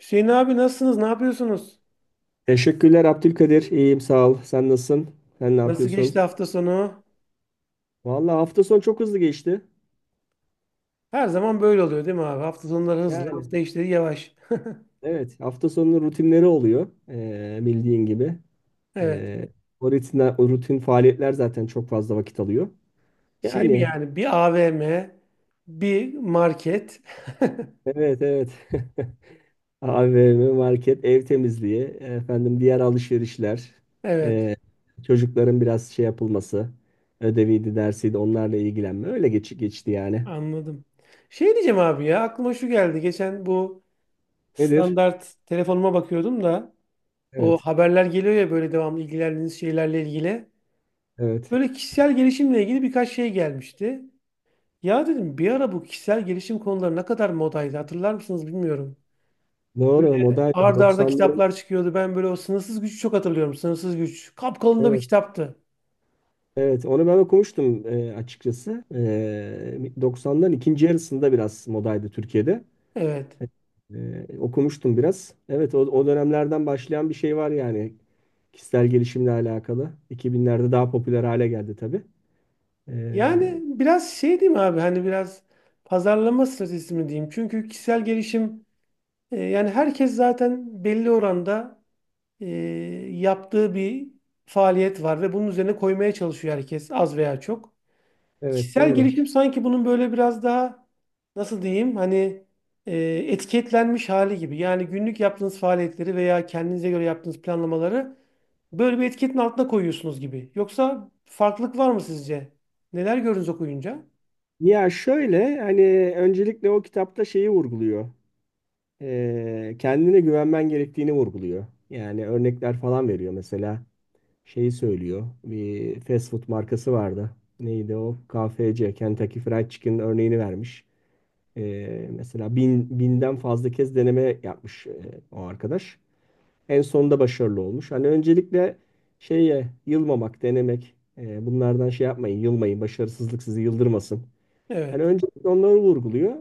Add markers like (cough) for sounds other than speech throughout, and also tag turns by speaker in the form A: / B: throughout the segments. A: Hüseyin abi, nasılsınız? Ne yapıyorsunuz?
B: Teşekkürler Abdülkadir. İyiyim sağ ol. Sen nasılsın? Sen ne
A: Nasıl geçti
B: yapıyorsun?
A: hafta sonu?
B: Vallahi hafta sonu çok hızlı geçti.
A: Her zaman böyle oluyor değil mi abi? Hafta sonları hızlı,
B: Yani
A: hafta içleri yavaş. (laughs)
B: evet, hafta sonunun rutinleri oluyor. Bildiğin gibi.
A: Evet.
B: Ee, O rutinler, o rutin faaliyetler zaten çok fazla vakit alıyor.
A: Şey mi
B: Yani
A: yani, bir AVM, bir market.
B: evet, evet. (laughs) AVM, market, ev temizliği, efendim diğer alışverişler,
A: (laughs) Evet,
B: ee, çocukların biraz şey yapılması, ödeviydi, dersiydi onlarla ilgilenme. Öyle geçti yani.
A: anladım. Şey diyeceğim abi, ya aklıma şu geldi. Geçen bu
B: Nedir?
A: standart telefonuma bakıyordum da o
B: Evet,
A: haberler geliyor ya, böyle devamlı ilgilendiğiniz şeylerle ilgili.
B: evet.
A: Böyle kişisel gelişimle ilgili birkaç şey gelmişti. Ya dedim, bir ara bu kişisel gelişim konuları ne kadar modaydı, hatırlar mısınız bilmiyorum.
B: Doğru,
A: Böyle
B: modern
A: ard arda
B: doksanların,
A: kitaplar çıkıyordu. Ben böyle o sınırsız gücü çok hatırlıyorum. Sınırsız güç. Kapkalın da bir
B: evet,
A: kitaptı.
B: evet onu ben okumuştum, açıkçası. E, 90'ların ikinci yarısında biraz modaydı Türkiye'de.
A: Evet.
B: E, okumuştum biraz. Evet, o dönemlerden başlayan bir şey var yani kişisel gelişimle alakalı. 2000'lerde daha popüler hale geldi tabii. E,
A: Yani biraz şey diyeyim abi, hani biraz pazarlama stratejisi mi diyeyim. Çünkü kişisel gelişim, yani herkes zaten belli oranda e, yaptığı bir faaliyet var ve bunun üzerine koymaya çalışıyor herkes az veya çok.
B: evet,
A: Kişisel
B: doğru.
A: gelişim sanki bunun böyle biraz daha nasıl diyeyim, hani e, etiketlenmiş hali gibi. Yani günlük yaptığınız faaliyetleri veya kendinize göre yaptığınız planlamaları böyle bir etiketin altına koyuyorsunuz gibi. Yoksa farklılık var mı sizce? Neler gördünüz okuyunca?
B: Ya şöyle, hani öncelikle o kitapta şeyi vurguluyor. E, kendine güvenmen gerektiğini vurguluyor. Yani örnekler falan veriyor mesela. Şeyi söylüyor. Bir fast food markası vardı. Neydi o? KFC, Kentucky Fried Chicken örneğini vermiş. Mesela 1000'den fazla kez deneme yapmış, o arkadaş. En sonunda başarılı olmuş. Hani öncelikle şeye yılmamak, denemek. Bunlardan şey yapmayın, yılmayın. Başarısızlık sizi yıldırmasın. Hani
A: Evet.
B: öncelikle onları vurguluyor.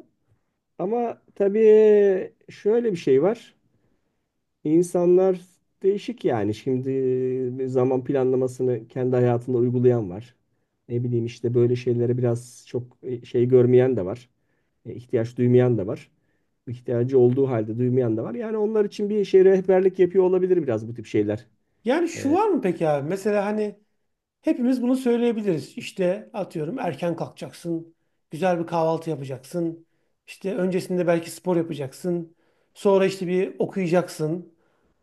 B: Ama tabii şöyle bir şey var. İnsanlar değişik yani. Şimdi zaman planlamasını kendi hayatında uygulayan var. Ne bileyim işte böyle şeylere biraz çok şey görmeyen de var. E, ihtiyaç duymayan da var. İhtiyacı olduğu halde duymayan da var. Yani onlar için bir şey rehberlik yapıyor olabilir biraz bu tip şeyler.
A: Yani şu
B: E,
A: var mı peki abi? Mesela hani hepimiz bunu söyleyebiliriz. İşte atıyorum, erken kalkacaksın, güzel bir kahvaltı yapacaksın. İşte öncesinde belki spor yapacaksın. Sonra işte bir okuyacaksın.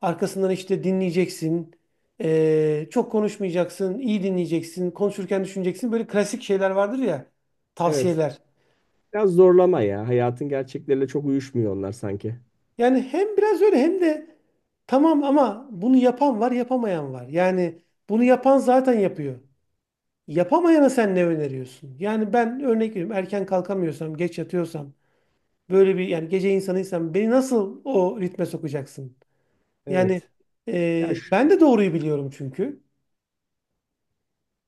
A: Arkasından işte dinleyeceksin. Çok konuşmayacaksın, iyi dinleyeceksin. Konuşurken düşüneceksin. Böyle klasik şeyler vardır ya,
B: evet.
A: tavsiyeler.
B: Biraz zorlama ya. Hayatın gerçekleriyle çok uyuşmuyor onlar sanki.
A: Yani hem biraz öyle hem de tamam, ama bunu yapan var, yapamayan var. Yani bunu yapan zaten yapıyor. Yapamayana sen ne öneriyorsun? Yani ben örnek veriyorum, erken kalkamıyorsam, geç yatıyorsam, böyle bir yani gece insanıysam, beni nasıl o ritme sokacaksın? Yani
B: Evet. Ya şu-
A: ben de doğruyu biliyorum çünkü.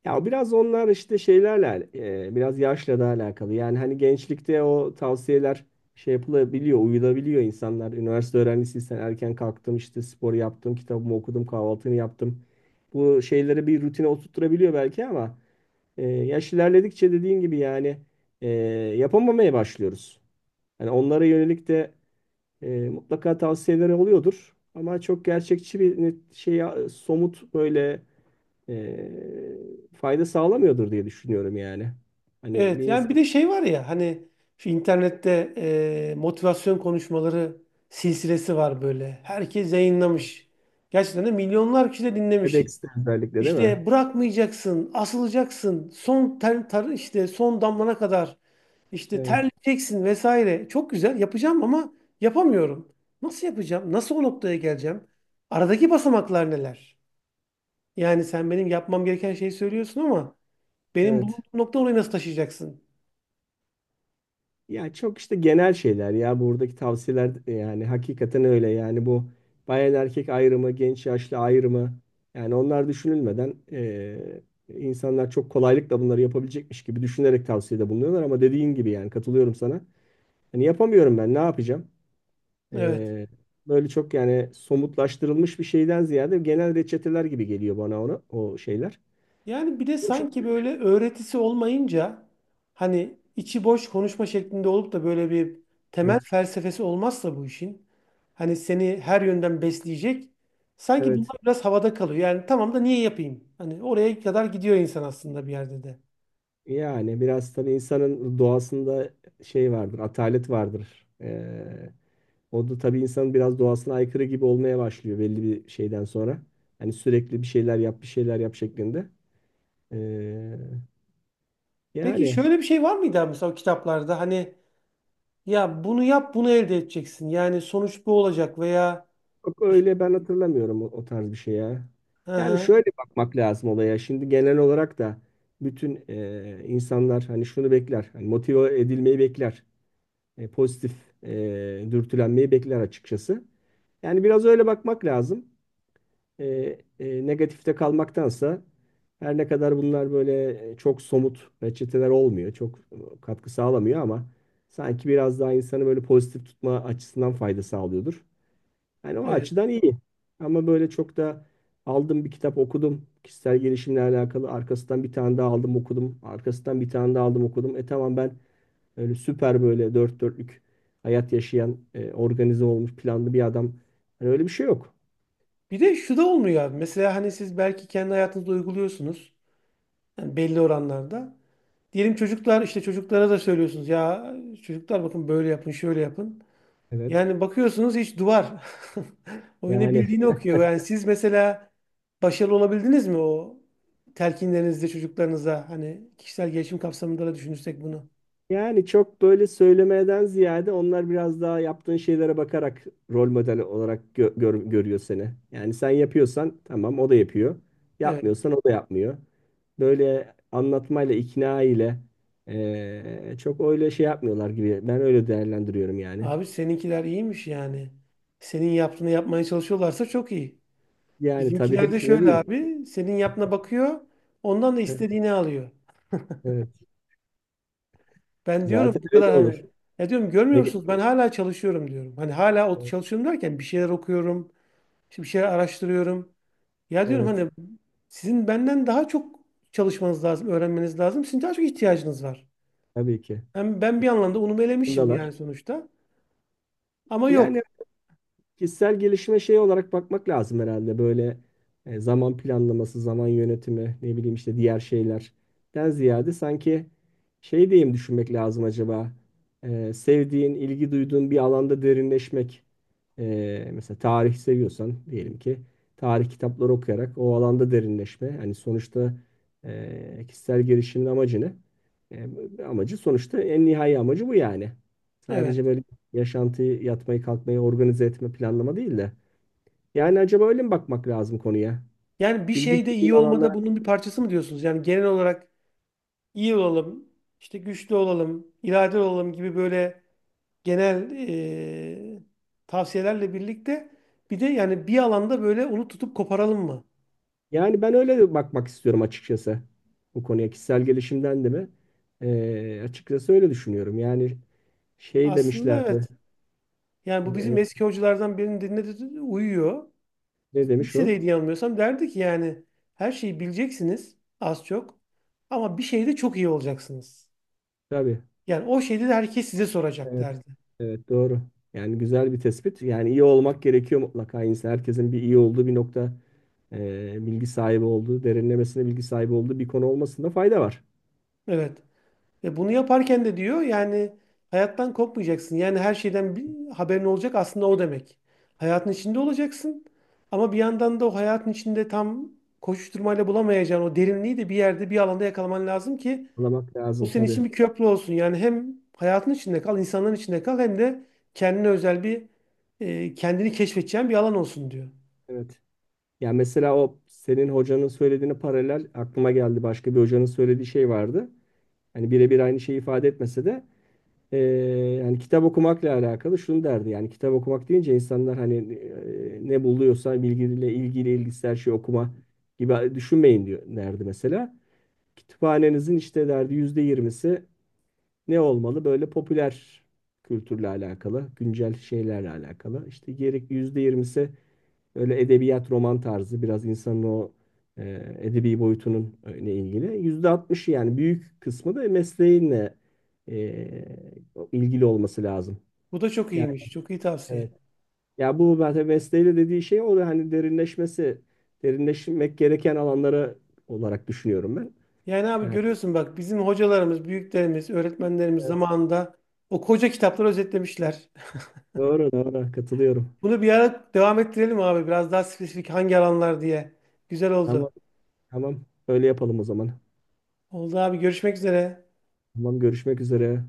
B: Ya biraz onlar işte şeylerle biraz yaşla da alakalı. Yani hani gençlikte o tavsiyeler şey yapılabiliyor, uyulabiliyor insanlar. Üniversite öğrencisiysen erken kalktım işte, spor yaptım, kitabımı okudum, kahvaltımı yaptım. Bu şeyleri bir rutine oturtturabiliyor belki ama yaş ilerledikçe dediğin gibi yani e, yapamamaya başlıyoruz. Yani onlara yönelik de mutlaka tavsiyeleri oluyordur. Ama çok gerçekçi bir net şey, somut böyle fayda sağlamıyordur diye düşünüyorum yani. Hani bir
A: Evet, yani
B: insan
A: bir de şey var ya hani şu internette motivasyon konuşmaları silsilesi var böyle. Herkes yayınlamış. Gerçekten de milyonlar kişi de dinlemiş.
B: TEDx'te özellikle, değil mi?
A: İşte bırakmayacaksın, asılacaksın, işte son damlana kadar işte
B: Evet,
A: terleyeceksin vesaire. Çok güzel yapacağım ama yapamıyorum. Nasıl yapacağım? Nasıl o noktaya geleceğim? Aradaki basamaklar neler? Yani sen benim yapmam gereken şeyi söylüyorsun, ama benim bulunduğum
B: evet.
A: nokta, orayı nasıl taşıyacaksın?
B: Ya çok işte genel şeyler ya buradaki tavsiyeler, yani hakikaten öyle yani bu bayan erkek ayrımı, genç yaşlı ayrımı, yani onlar düşünülmeden insanlar çok kolaylıkla bunları yapabilecekmiş gibi düşünerek tavsiyede bulunuyorlar ama dediğin gibi yani katılıyorum sana. Hani yapamıyorum, ben ne yapacağım?
A: Evet.
B: Ee, böyle çok yani somutlaştırılmış bir şeyden ziyade genel reçeteler gibi geliyor bana, ona o şeyler.
A: Yani bir de
B: Bu çok-
A: sanki böyle öğretisi olmayınca, hani içi boş konuşma şeklinde olup da böyle bir temel
B: Evet.
A: felsefesi olmazsa bu işin, hani seni her yönden besleyecek, sanki
B: Evet.
A: bunlar biraz havada kalıyor. Yani tamam da niye yapayım? Hani oraya kadar gidiyor insan aslında bir yerde de.
B: Yani biraz tabii insanın doğasında şey vardır, atalet vardır. O da tabii insanın biraz doğasına aykırı gibi olmaya başlıyor belli bir şeyden sonra. Hani sürekli bir şeyler yap, bir şeyler yap şeklinde. Ee,
A: Peki
B: yani
A: şöyle bir şey var mıydı abi, mesela o kitaplarda hani ya bunu yap, bunu elde edeceksin. Yani sonuç bu olacak veya
B: Yok
A: işte-
B: öyle, ben hatırlamıyorum o, o tarz bir şey ya.
A: Hı
B: Yani
A: hı.
B: şöyle bakmak lazım olaya. Şimdi genel olarak da bütün insanlar hani şunu bekler. Hani motive edilmeyi bekler. Pozitif dürtülenmeyi bekler açıkçası. Yani biraz öyle bakmak lazım. E, negatifte kalmaktansa, her ne kadar bunlar böyle çok somut reçeteler olmuyor, çok katkı sağlamıyor ama sanki biraz daha insanı böyle pozitif tutma açısından fayda sağlıyordur. Yani o
A: Evet.
B: açıdan iyi. Ama böyle çok da aldım bir kitap okudum. Kişisel gelişimle alakalı. Arkasından bir tane daha aldım okudum. Arkasından bir tane daha aldım okudum. Tamam, ben öyle süper, böyle dört dörtlük hayat yaşayan, organize olmuş, planlı bir adam. Hani öyle bir şey yok.
A: Bir de şu da olmuyor abi. Mesela hani siz belki kendi hayatınızda uyguluyorsunuz. Yani belli oranlarda. Diyelim çocuklar, işte çocuklara da söylüyorsunuz ya, çocuklar bakın böyle yapın, şöyle yapın.
B: Evet.
A: Yani bakıyorsunuz hiç, duvar. (laughs) O yine
B: Yani
A: bildiğini okuyor. Yani siz mesela başarılı olabildiniz mi o telkinlerinizde çocuklarınıza? Hani kişisel gelişim kapsamında da düşünürsek bunu.
B: yani çok böyle söylemeden ziyade onlar biraz daha yaptığın şeylere bakarak rol model olarak görüyor seni. Yani sen yapıyorsan tamam o da yapıyor.
A: Evet.
B: Yapmıyorsan o da yapmıyor. Böyle anlatmayla, ikna ile çok öyle şey yapmıyorlar gibi. Ben öyle değerlendiriyorum yani.
A: Abi seninkiler iyiymiş yani. Senin yaptığını yapmaya çalışıyorlarsa çok iyi.
B: Yani tabii
A: Bizimkiler de
B: hepsine
A: şöyle
B: değil.
A: abi. Senin yaptığına bakıyor. Ondan da
B: Evet.
A: istediğini alıyor.
B: Evet.
A: Ben diyorum
B: Zaten
A: bu
B: öyle de
A: kadar
B: olur.
A: hani, ya diyorum görmüyor
B: Ne-
A: musunuz, ben hala çalışıyorum diyorum. Hani hala o çalışıyorum derken bir şeyler okuyorum, işte bir şeyler araştırıyorum. Ya diyorum
B: Evet,
A: hani sizin benden daha çok çalışmanız lazım, öğrenmeniz lazım. Sizin daha çok ihtiyacınız var.
B: tabii ki.
A: Hem ben bir anlamda unumu elemişim
B: Yanındalar.
A: yani sonuçta. Ama
B: Yani
A: yok.
B: kişisel gelişime şey olarak bakmak lazım herhalde. Böyle zaman planlaması, zaman yönetimi, ne bileyim işte diğer şeylerden ziyade sanki şey diyeyim, düşünmek lazım acaba. Sevdiğin, ilgi duyduğun bir alanda derinleşmek. Mesela tarih seviyorsan diyelim ki tarih kitapları okuyarak o alanda derinleşme. Yani sonuçta kişisel gelişimin amacı ne? Amacı sonuçta, en nihai amacı bu yani.
A: Evet.
B: Sadece böyle yaşantıyı, yatmayı, kalkmayı organize etme, planlama değil de. Yani acaba öyle mi bakmak lazım konuya?
A: Yani bir
B: İlgi
A: şeyde
B: duyduğun
A: iyi olmada
B: alanlara.
A: bunun bir parçası mı diyorsunuz? Yani genel olarak iyi olalım, işte güçlü olalım, iradeli olalım gibi böyle genel e, tavsiyelerle birlikte bir de yani bir alanda böyle onu tutup koparalım mı?
B: Yani ben öyle bakmak istiyorum açıkçası bu konuya, kişisel gelişimden de mi? Açıkçası öyle düşünüyorum. Yani şey
A: Aslında
B: demişlerdi.
A: evet. Yani bu bizim
B: e,
A: eski hocalardan birinin, dinledi uyuyor.
B: ne demiş o?
A: Lisedeydi yanılmıyorsam, derdi ki yani her şeyi bileceksiniz az çok, ama bir şeyde çok iyi olacaksınız.
B: Tabii.
A: Yani o şeyde de herkes size soracak
B: Evet,
A: derdi.
B: evet doğru. Yani güzel bir tespit. Yani iyi olmak gerekiyor mutlaka insan. Herkesin bir iyi olduğu bir nokta, bilgi sahibi olduğu, derinlemesine bilgi sahibi olduğu bir konu olmasında fayda var.
A: Evet. Ve bunu yaparken de diyor yani hayattan kopmayacaksın. Yani her şeyden bir haberin olacak aslında, o demek. Hayatın içinde olacaksın ama bir yandan da o hayatın içinde tam koşuşturmayla bulamayacağın o derinliği de bir yerde, bir alanda yakalaman lazım ki
B: Anlamak
A: o
B: lazım
A: senin için
B: tabii.
A: bir köprü olsun. Yani hem hayatın içinde kal, insanların içinde kal, hem de kendine özel bir, kendini keşfedeceğin bir alan olsun diyor.
B: Evet. Ya mesela o senin hocanın söylediğine paralel aklıma geldi, başka bir hocanın söylediği şey vardı. Hani birebir aynı şeyi ifade etmese de, eee, yani kitap okumakla alakalı şunu derdi. Yani kitap okumak deyince insanlar hani ne buluyorsa bilgiyle ilgili ilgisi, her şeyi okuma gibi düşünmeyin diyor derdi mesela. Kütüphanenizin, işte derdi, %20'si ne olmalı? Böyle popüler kültürle alakalı, güncel şeylerle alakalı. İşte geri %20'si öyle edebiyat, roman tarzı, biraz insanın o edebi boyutunun ile ilgili. %60'ı yani büyük kısmı da mesleğinle e, ilgili olması lazım.
A: Bu da çok
B: Yani
A: iyiymiş. Çok iyi tavsiye.
B: evet. Ya bu zaten mesleğiyle dediği şey, o da hani derinleşmesi, derinleşmek gereken alanlara olarak düşünüyorum ben.
A: Yani abi
B: Yani
A: görüyorsun bak, bizim hocalarımız, büyüklerimiz, öğretmenlerimiz
B: evet.
A: zamanında o koca kitapları özetlemişler.
B: Doğru, doğru, katılıyorum.
A: (laughs) Bunu bir ara devam ettirelim abi, biraz daha spesifik hangi alanlar diye. Güzel oldu.
B: Tamam, tamam, öyle yapalım o zaman.
A: Oldu abi, görüşmek üzere.
B: Tamam, görüşmek üzere.